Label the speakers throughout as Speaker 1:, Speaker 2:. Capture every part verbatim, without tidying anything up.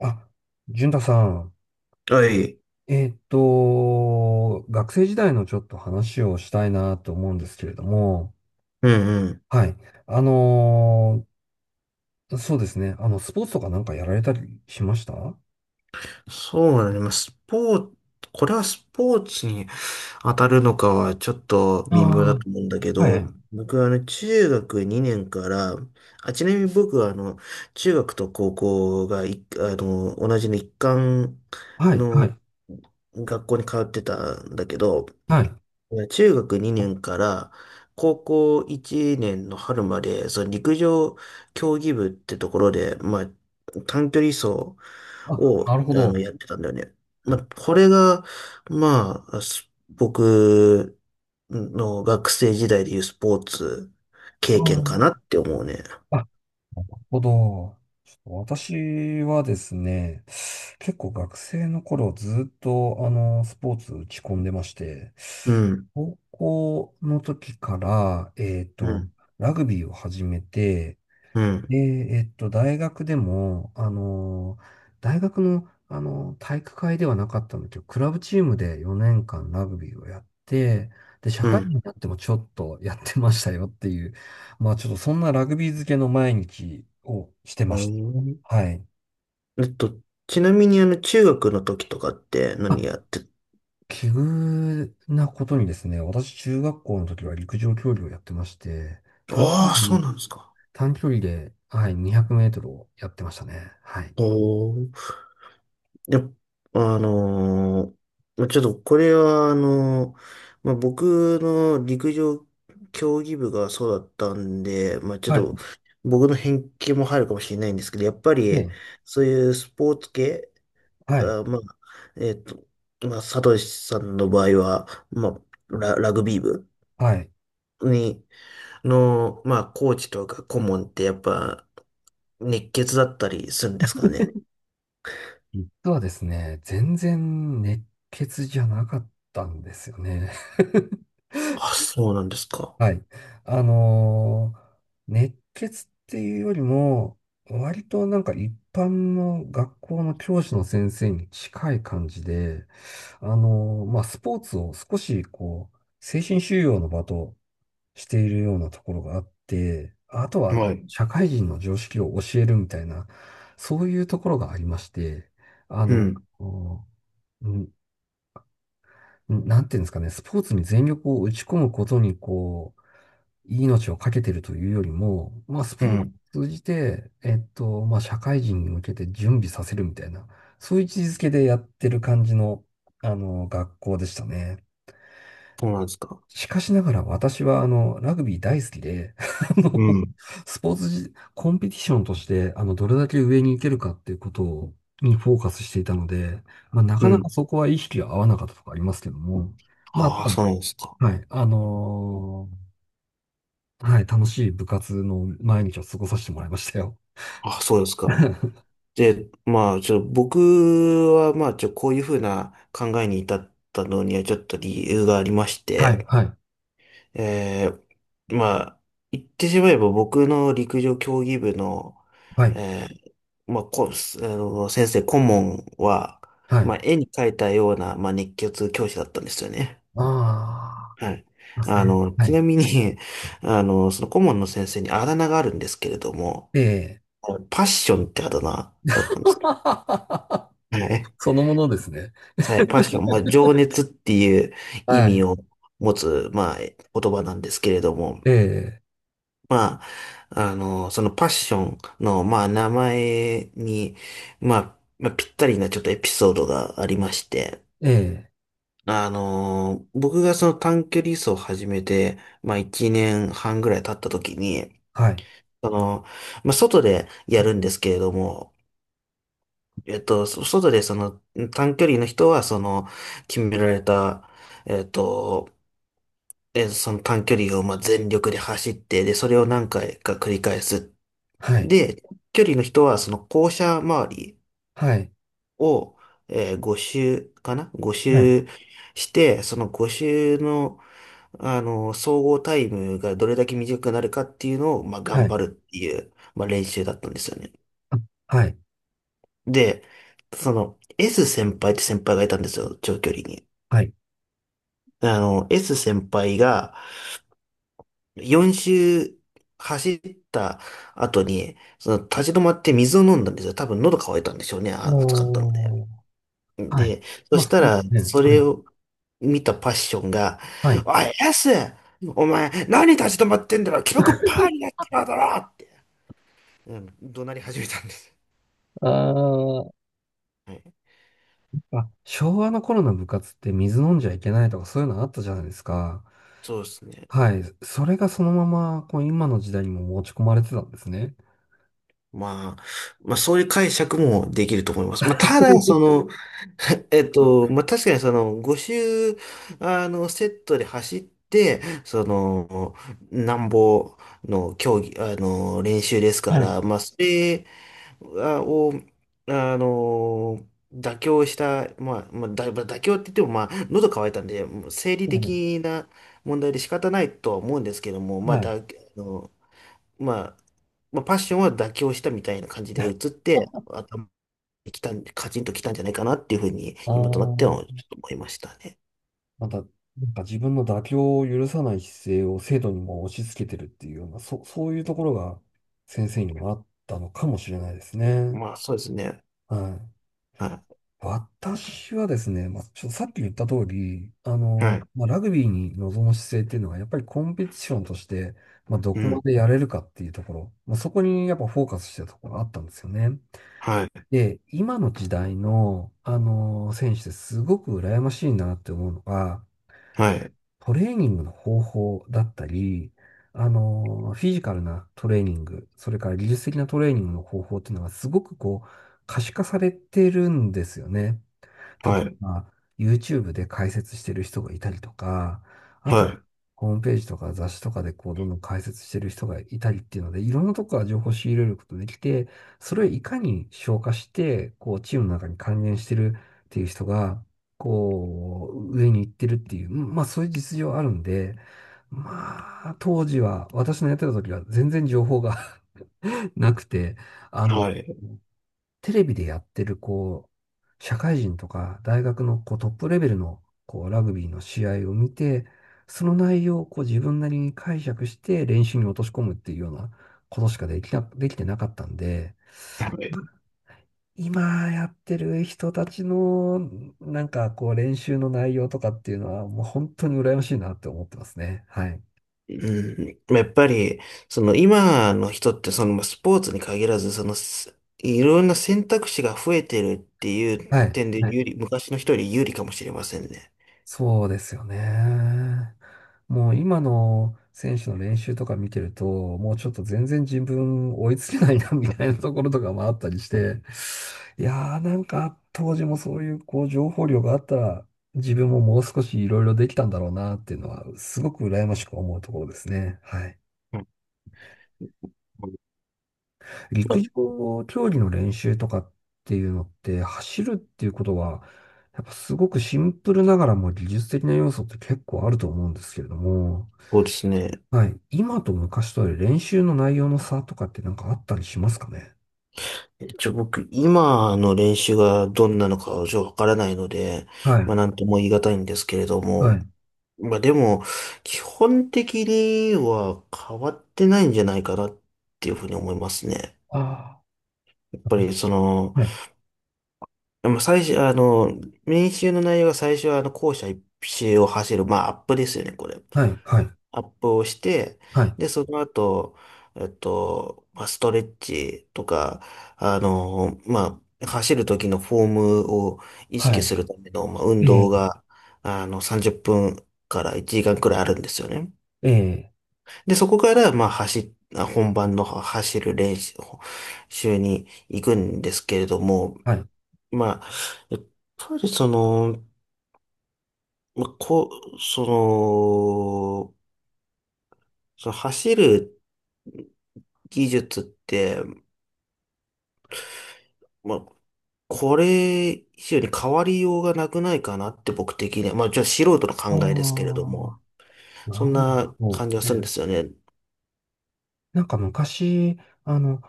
Speaker 1: あ、淳太さん、
Speaker 2: はい。
Speaker 1: えーっと、学生時代のちょっと話をしたいなと思うんですけれども、
Speaker 2: うんうん。
Speaker 1: はい。あのーそうですね。あの、スポーツとかなんかやられたりしましたはい
Speaker 2: そうだね。まあ、スポーツ、これはスポーツに当たるのかはちょっと
Speaker 1: あ
Speaker 2: 微妙
Speaker 1: あ
Speaker 2: だ
Speaker 1: ー、
Speaker 2: と思うんだけ
Speaker 1: は
Speaker 2: ど、
Speaker 1: い。
Speaker 2: 僕はあの中学にねんから、あ、ちなみに僕はあの中学と高校がい、あの、同じの一貫
Speaker 1: はい、は
Speaker 2: の
Speaker 1: い、
Speaker 2: 学校に通ってたんだけど、
Speaker 1: はい。
Speaker 2: 中学にねんから高校いちねんの春まで、その陸上競技部ってところで、まあ、短距離走
Speaker 1: あ、
Speaker 2: を、
Speaker 1: なるほ
Speaker 2: あの、
Speaker 1: ど。
Speaker 2: やってたんだよね。まあ、これが、まあ、す僕の学生時代でいうスポーツ
Speaker 1: あ
Speaker 2: 経験かな
Speaker 1: ー
Speaker 2: って思うね。
Speaker 1: あ、なるほど。ちょっと私はですね、結構学生の頃ずっとあの、スポーツ打ち込んでまして、
Speaker 2: うん、
Speaker 1: 高校の時から、えっ
Speaker 2: う
Speaker 1: と、
Speaker 2: ん、
Speaker 1: ラグビーを始めて、
Speaker 2: うん、
Speaker 1: で、えっと、大学でも、あの、大学の、あの、体育会ではなかったんだけど、クラブチームでよねんかんラグビーをやって、で、社
Speaker 2: う
Speaker 1: 会
Speaker 2: ん。
Speaker 1: 人になってもちょっとやってましたよっていう、まあちょっとそんなラグビー漬けの毎日をして
Speaker 2: う
Speaker 1: まし
Speaker 2: ん、
Speaker 1: た。はい。
Speaker 2: えっと、ちなみにあの、中学の時とかって
Speaker 1: あ、
Speaker 2: 何やって、
Speaker 1: 奇遇なことにですね、私中学校の時は陸上競技をやってまして、短距
Speaker 2: ああ、そ
Speaker 1: 離
Speaker 2: うなんですか。
Speaker 1: 短距離で、はい、にひゃくメートルをやってましたね。はい。
Speaker 2: おーいや、あのーまあちょっとこれは、あのーまあ、僕の陸上競技部がそうだったんで、まあ、ちょっ
Speaker 1: はい。
Speaker 2: と僕の偏見も入るかもしれないんですけど、やっぱり
Speaker 1: で、
Speaker 2: そういうスポーツ系、
Speaker 1: はい、
Speaker 2: あ、まあ、えっと、まあ、サトシさんの場合は、まあ、ラ、ラグビー部
Speaker 1: はい。
Speaker 2: に、の、まあ、コーチとか顧問ってやっぱ熱血だったりするんですかね。
Speaker 1: 実はですね、全然熱血じゃなかったんですよね。
Speaker 2: あ、そうなんですか。
Speaker 1: はい。あのー熱血っていうよりも、割となんか一般の学校の教師の先生に近い感じで、あのーまあ、スポーツを少しこう、精神修養の場としているようなところがあって、あとは
Speaker 2: はい。
Speaker 1: 社会人の常識を教えるみたいな、そういうところがありまして、あ
Speaker 2: う
Speaker 1: の、
Speaker 2: ん。
Speaker 1: こううんなんていうんですかね、スポーツに全力を打ち込むことに、こう、命を懸けてるというよりも、まあ、ス
Speaker 2: う
Speaker 1: ポー
Speaker 2: ん。
Speaker 1: ツを通じて、えっと、まあ、社会人に向けて準備させるみたいな、そういう位置づけでやってる感じの、あの、学校でしたね。
Speaker 2: そうなんですか。
Speaker 1: しかしながら私はあの、ラグビー大好きで、あの、
Speaker 2: うん。
Speaker 1: スポーツじ、コンペティションとして、あの、どれだけ上に行けるかっていうことにフォーカスしていたので、まあ、なか
Speaker 2: う
Speaker 1: なか
Speaker 2: ん。
Speaker 1: そこは意識が合わなかったとかありますけども、まあ、た
Speaker 2: ああ、
Speaker 1: だ
Speaker 2: そうなんですか。
Speaker 1: はい、あのーはい、楽しい部活の毎日を過ごさせてもらいましたよ。
Speaker 2: ああ、そうですか。
Speaker 1: は
Speaker 2: で、まあ、ちょ、僕は、まあ、ちょ、こういうふうな考えに至ったのには、ちょっと理由がありまし
Speaker 1: い、
Speaker 2: て、
Speaker 1: はい、
Speaker 2: えー、まあ、言ってしまえば、僕の陸上競技部の、
Speaker 1: はい、
Speaker 2: えー、まあ、こ、あの、先生、顧問は、
Speaker 1: はい。
Speaker 2: まあ、絵に描いたような、まあ、熱血教師だったんですよね。
Speaker 1: ああ、
Speaker 2: はい。
Speaker 1: います
Speaker 2: あ
Speaker 1: ね。
Speaker 2: の、
Speaker 1: は
Speaker 2: ち
Speaker 1: い。
Speaker 2: なみに、あの、その顧問の先生にあだ名があるんですけれども、
Speaker 1: ええ。
Speaker 2: パッションってあだ名だったんです。はい。
Speaker 1: そのものですね。
Speaker 2: はい、パッション、まあ、情熱っていう意
Speaker 1: は
Speaker 2: 味
Speaker 1: い。
Speaker 2: を持つ、まあ、え言葉なんですけれども、
Speaker 1: え
Speaker 2: まあ、あの、そのパッションの、まあ、名前に、まあ、まあ、ぴったりなちょっとエピソードがありまして、
Speaker 1: え、ええ。
Speaker 2: あの、僕がその短距離走を始めて、まあ、いちねんはんぐらい経った時に、
Speaker 1: はい。
Speaker 2: その、まあ、外でやるんですけれども、えっと、そ外でその短距離の人は、その、決められた、えっと、えその短距離をまあ全力で走って、で、それを何回か繰り返す。
Speaker 1: はい。
Speaker 2: で、距離の人は、その校舎周り
Speaker 1: はい。
Speaker 2: を、えー、ご周かな？ ご
Speaker 1: はい。
Speaker 2: 周して、そのご周の、あの、総合タイムがどれだけ短くなるかっていうのを、まあ、
Speaker 1: は
Speaker 2: 頑
Speaker 1: い。
Speaker 2: 張るっていう、まあ、練習だったんですよね。
Speaker 1: あ、はい。
Speaker 2: で、その、S 先輩って先輩がいたんですよ、長距離に。
Speaker 1: はい。
Speaker 2: あの、S 先輩がよん周走った後に、その立ち止まって水を飲んだんですよ。多分喉乾いたんでしょうね、あ暑かったので。
Speaker 1: おー。はい。
Speaker 2: で、そ
Speaker 1: まあ、
Speaker 2: し
Speaker 1: 普
Speaker 2: た
Speaker 1: 通で
Speaker 2: ら、
Speaker 1: すね。
Speaker 2: そ
Speaker 1: は
Speaker 2: れ
Speaker 1: い。
Speaker 2: を見たパッションが、
Speaker 1: はい。
Speaker 2: おい、S！ お前、何立ち止まってんだ、ろ記録パーになってるだろって、うん、怒鳴り始めたんです。
Speaker 1: あー
Speaker 2: はい、
Speaker 1: あ、昭和の頃の部活って水飲んじゃいけないとかそういうのあったじゃないですか。
Speaker 2: そうですね。
Speaker 1: はい。それがそのまま、こう、今の時代にも持ち込まれてたんですね。
Speaker 2: まあ、まあそういう解釈もできると思います。まあただ、そ の、えっと、まあ確かにそのご周、あの、セットで走って、その、なんぼの競技、あの、練習ですか
Speaker 1: はい。
Speaker 2: ら、まあそれあを、あの、妥協した、まあ、まあ、だ、まあ妥協って言っても、まあ、喉乾いたんで、もう生理
Speaker 1: はい。
Speaker 2: 的な問題で仕方ないとは思うんですけども、まあ、
Speaker 1: はい。
Speaker 2: だ、あのまあ、まあ、パッションは妥協したみたいな感じで移って、頭に来たん、カチンと来たんじゃないかなっていうふうに、今となってはち
Speaker 1: ああ
Speaker 2: ょっと思いましたね。
Speaker 1: また、なんか自分の妥協を許さない姿勢を生徒にも押し付けてるっていうような、そ、そういうところが先生にもあったのかもしれないですね。
Speaker 2: まあ、そうですね。
Speaker 1: はい。
Speaker 2: は
Speaker 1: 私はですね、まあ、ちょっとさっき言った通り、あ
Speaker 2: い。は
Speaker 1: の、
Speaker 2: い。
Speaker 1: まあ、ラグビーに臨む姿勢っていうのは、やっぱりコンペティションとして、まあ、ど
Speaker 2: う
Speaker 1: こま
Speaker 2: ん。
Speaker 1: でやれるかっていうところ、まあ、そこにやっぱフォーカスしてたところがあったんですよね。
Speaker 2: はい。
Speaker 1: で、今の時代の、あの、選手ですごく羨ましいなって思うのが、
Speaker 2: はい。
Speaker 1: トレーニングの方法だったり、あの、フィジカルなトレーニング、それから技術的なトレーニングの方法っていうのがすごくこう、可視化されてるんですよね。
Speaker 2: は
Speaker 1: 例え
Speaker 2: い。
Speaker 1: ば、YouTube で解説してる人がいたりとか、あ
Speaker 2: は
Speaker 1: と、
Speaker 2: い。
Speaker 1: ホームページとか雑誌とかでこう、どんどん解説してる人がいたりっていうので、いろんなとこから情報を仕入れることができて、それをいかに消化して、こう、チームの中に還元してるっていう人が、こう、上に行ってるっていう、まあそういう実情あるんで、まあ、当時は、私のやってた時は全然情報が なくて、あの、
Speaker 2: はい。はい。
Speaker 1: テレビでやってる、こう、社会人とか大学のこうトップレベルのこうラグビーの試合を見て、その内容をこう自分なりに解釈して練習に落とし込むっていうようなことしかできな、できてなかったんで、今やってる人たちのなんかこう練習の内容とかっていうのはもう本当に羨ましいなって思ってますね。はい。
Speaker 2: うん。まあやっぱり、その今の人って、そのまあスポーツに限らず、その、すいろんな選択肢が増えてるっていう
Speaker 1: はい。
Speaker 2: 点で
Speaker 1: はい
Speaker 2: 有利、昔の人より有利かもしれませんね。
Speaker 1: そうですよね。もう今の選手の練習とか見てると、もうちょっと全然自分追いつけないな みたいなところとかもあったりして、いやーなんか当時もそういうこう情報量があったら自分ももう少しいろいろできたんだろうなっていうのはすごく羨ましく思うところですね。はい。
Speaker 2: うん、ま
Speaker 1: 陸
Speaker 2: あ
Speaker 1: 上競技の練習とかっていうのって走るっていうことはやっぱすごくシンプルながらも技術的な要素って結構あると思うんですけれども、
Speaker 2: そうですね。
Speaker 1: はい。今と昔とで練習の内容の差とかってなんかあったりしますかね
Speaker 2: 一応僕、今の練習がどんなのかはちょっとわからないので、
Speaker 1: は
Speaker 2: ま
Speaker 1: い。
Speaker 2: あなんとも言い難いんですけれど
Speaker 1: は
Speaker 2: も、
Speaker 1: い。
Speaker 2: まあでも、基本的には変わってないんじゃないかなっていうふうに思いますね。
Speaker 1: あ
Speaker 2: やっ
Speaker 1: あ。
Speaker 2: ぱりその、
Speaker 1: はい。
Speaker 2: まあ最初、あの、練習の内容が最初は、あの、校舎一周を走る、まあ、アップですよね、これ。
Speaker 1: はい。はい。
Speaker 2: アップをして、
Speaker 1: はい。
Speaker 2: で、その後、えっと、まあ、ストレッチとか、あの、まあ、走る時のフォームを意
Speaker 1: は
Speaker 2: 識
Speaker 1: い。
Speaker 2: するための、まあ、運
Speaker 1: え
Speaker 2: 動
Speaker 1: え。
Speaker 2: が、あの、さんじゅっぷんからいちじかんくらいあるんですよね。
Speaker 1: ええ。
Speaker 2: で、そこから、まあ、走、あ本番の走る練習に行くんですけれども、
Speaker 1: はい。
Speaker 2: まあ、やっぱりその、まあ、こう、その、その走る技術って、まあ、これ以上に変わりようがなくないかなって僕的には、まあ、じゃあ素人の考
Speaker 1: あ
Speaker 2: えですけれども、
Speaker 1: あ。
Speaker 2: そ
Speaker 1: な
Speaker 2: ん
Speaker 1: る
Speaker 2: な
Speaker 1: ほ
Speaker 2: 感じが
Speaker 1: ど。え
Speaker 2: するんで
Speaker 1: え
Speaker 2: すよね。
Speaker 1: なんか昔、あの、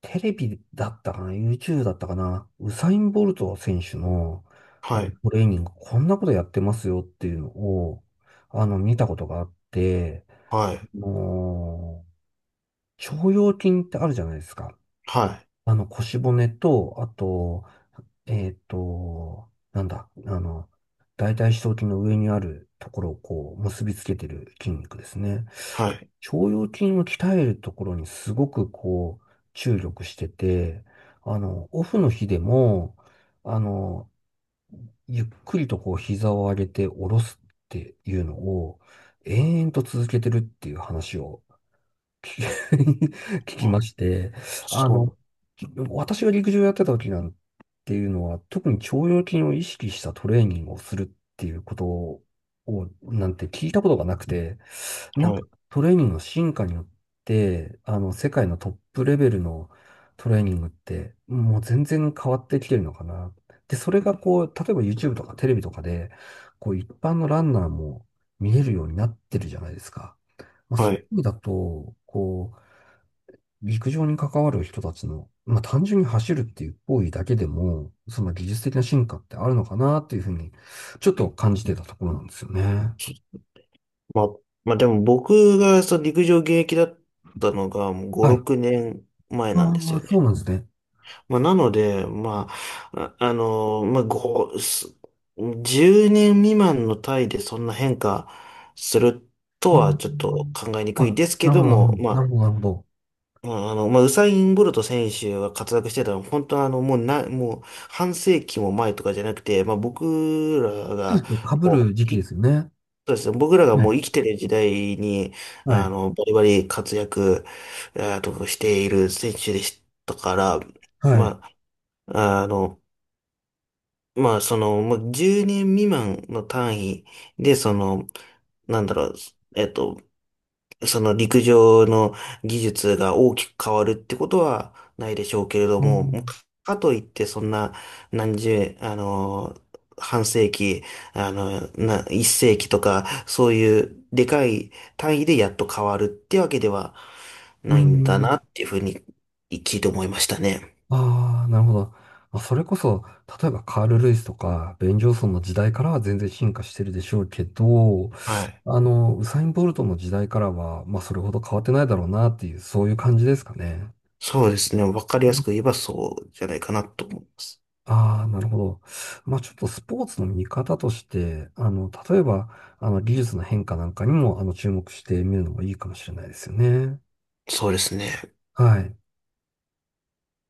Speaker 1: テレビだったかな？ YouTube だったかなウサイン・ボルト選手の、あ
Speaker 2: は
Speaker 1: の
Speaker 2: い、
Speaker 1: トレーニング、こんなことやってますよっていうのを、あの、見たことがあって、
Speaker 2: はい、
Speaker 1: あの腸腰筋ってあるじゃないですか。
Speaker 2: はい、
Speaker 1: あの、腰骨と、あと、えっと、なんだ、あの、大腿四頭筋の上にあるところをこう、結びつけてる筋肉ですね。
Speaker 2: はい。
Speaker 1: 腸腰筋を鍛えるところにすごくこう、注力してて、あの、オフの日でも、あの、ゆっくりとこう、膝を上げて下ろすっていうのを、延々と続けてるっていう話を聞き 聞き
Speaker 2: あ、
Speaker 1: まして、あの、
Speaker 2: そ
Speaker 1: 私が陸上やってた時なんていうのは、特に腸腰筋を意識したトレーニングをするっていうことを、なんて聞いたことがなくて、
Speaker 2: う、
Speaker 1: なん
Speaker 2: は
Speaker 1: か
Speaker 2: い、
Speaker 1: トレーニングの進化によって、あの、世界のトップレベルのトレーニングって、もう全然変わってきてるのかな。で、それがこう、例えば YouTube とかテレビとかで、こう、一般のランナーも見えるようになってるじゃないですか。まあ、
Speaker 2: は
Speaker 1: そういう
Speaker 2: い。
Speaker 1: 意味だと、こう、陸上に関わる人たちの、まあ、単純に走るっていう行為だけでも、その技術的な進化ってあるのかなっていうふうに、ちょっと感じてたところなんですよね。
Speaker 2: まあ、まあでも僕がその陸上現役だったのがもうご、
Speaker 1: はい。
Speaker 2: ろくねんまえ
Speaker 1: あ
Speaker 2: なんです
Speaker 1: あ、
Speaker 2: よ
Speaker 1: そ
Speaker 2: ね。
Speaker 1: うなんですね。
Speaker 2: まあ、なので、まあ、あ、あのーまあ、ご、すじゅうねん未満の単位でそんな変化すると
Speaker 1: あ
Speaker 2: は
Speaker 1: ー
Speaker 2: ちょっと考えにくい
Speaker 1: あ、
Speaker 2: ですけ
Speaker 1: なる
Speaker 2: ど
Speaker 1: ほど、
Speaker 2: も、
Speaker 1: なる
Speaker 2: ま
Speaker 1: ほど、なるほど。
Speaker 2: あ、まあ、あの、まあ、ウサイン・ボルト選手が活躍してたのは、本当はあの、もうな、もう半世紀も前とかじゃなくて、まあ、僕ら
Speaker 1: そう
Speaker 2: が、
Speaker 1: ですね。被
Speaker 2: も
Speaker 1: る時
Speaker 2: う、
Speaker 1: 期で
Speaker 2: い、
Speaker 1: すよね。
Speaker 2: そうですね、僕らが
Speaker 1: は
Speaker 2: もう生
Speaker 1: い
Speaker 2: きてる時代に、
Speaker 1: は
Speaker 2: あ
Speaker 1: い。
Speaker 2: の、バリバリ活躍、えーと、している選手でしたから、
Speaker 1: はい。
Speaker 2: まあ、あの、まあ、その、もうじゅうねん未満の単位で、その、なんだろう、えっと、その陸上の技術が大きく変わるってことはないでしょうけれど
Speaker 1: あ
Speaker 2: も、もう
Speaker 1: ー
Speaker 2: かといってそんな何十、あの、半世紀、あの、な、一世紀とか、そういうでかい単位でやっと変わるってわけでは
Speaker 1: うー
Speaker 2: ないんだ
Speaker 1: ん。
Speaker 2: なっていうふうに聞いて思いましたね。
Speaker 1: ああ、なるほど。まあ、それこそ、例えばカール・ルイスとか、ベン・ジョンソンの時代からは全然進化してるでしょうけど、
Speaker 2: はい。
Speaker 1: あの、ウサイン・ボルトの時代からは、まあ、それほど変わってないだろうなっていう、そういう感じですかね。
Speaker 2: そうですね。わかりやすく言えばそうじゃないかなと思います。
Speaker 1: ああ、なるほど。まあちょっとスポーツの見方として、あの、例えば、あの、技術の変化なんかにも、あの、注目してみるのもいいかもしれないですよね。
Speaker 2: そうですね。
Speaker 1: はい。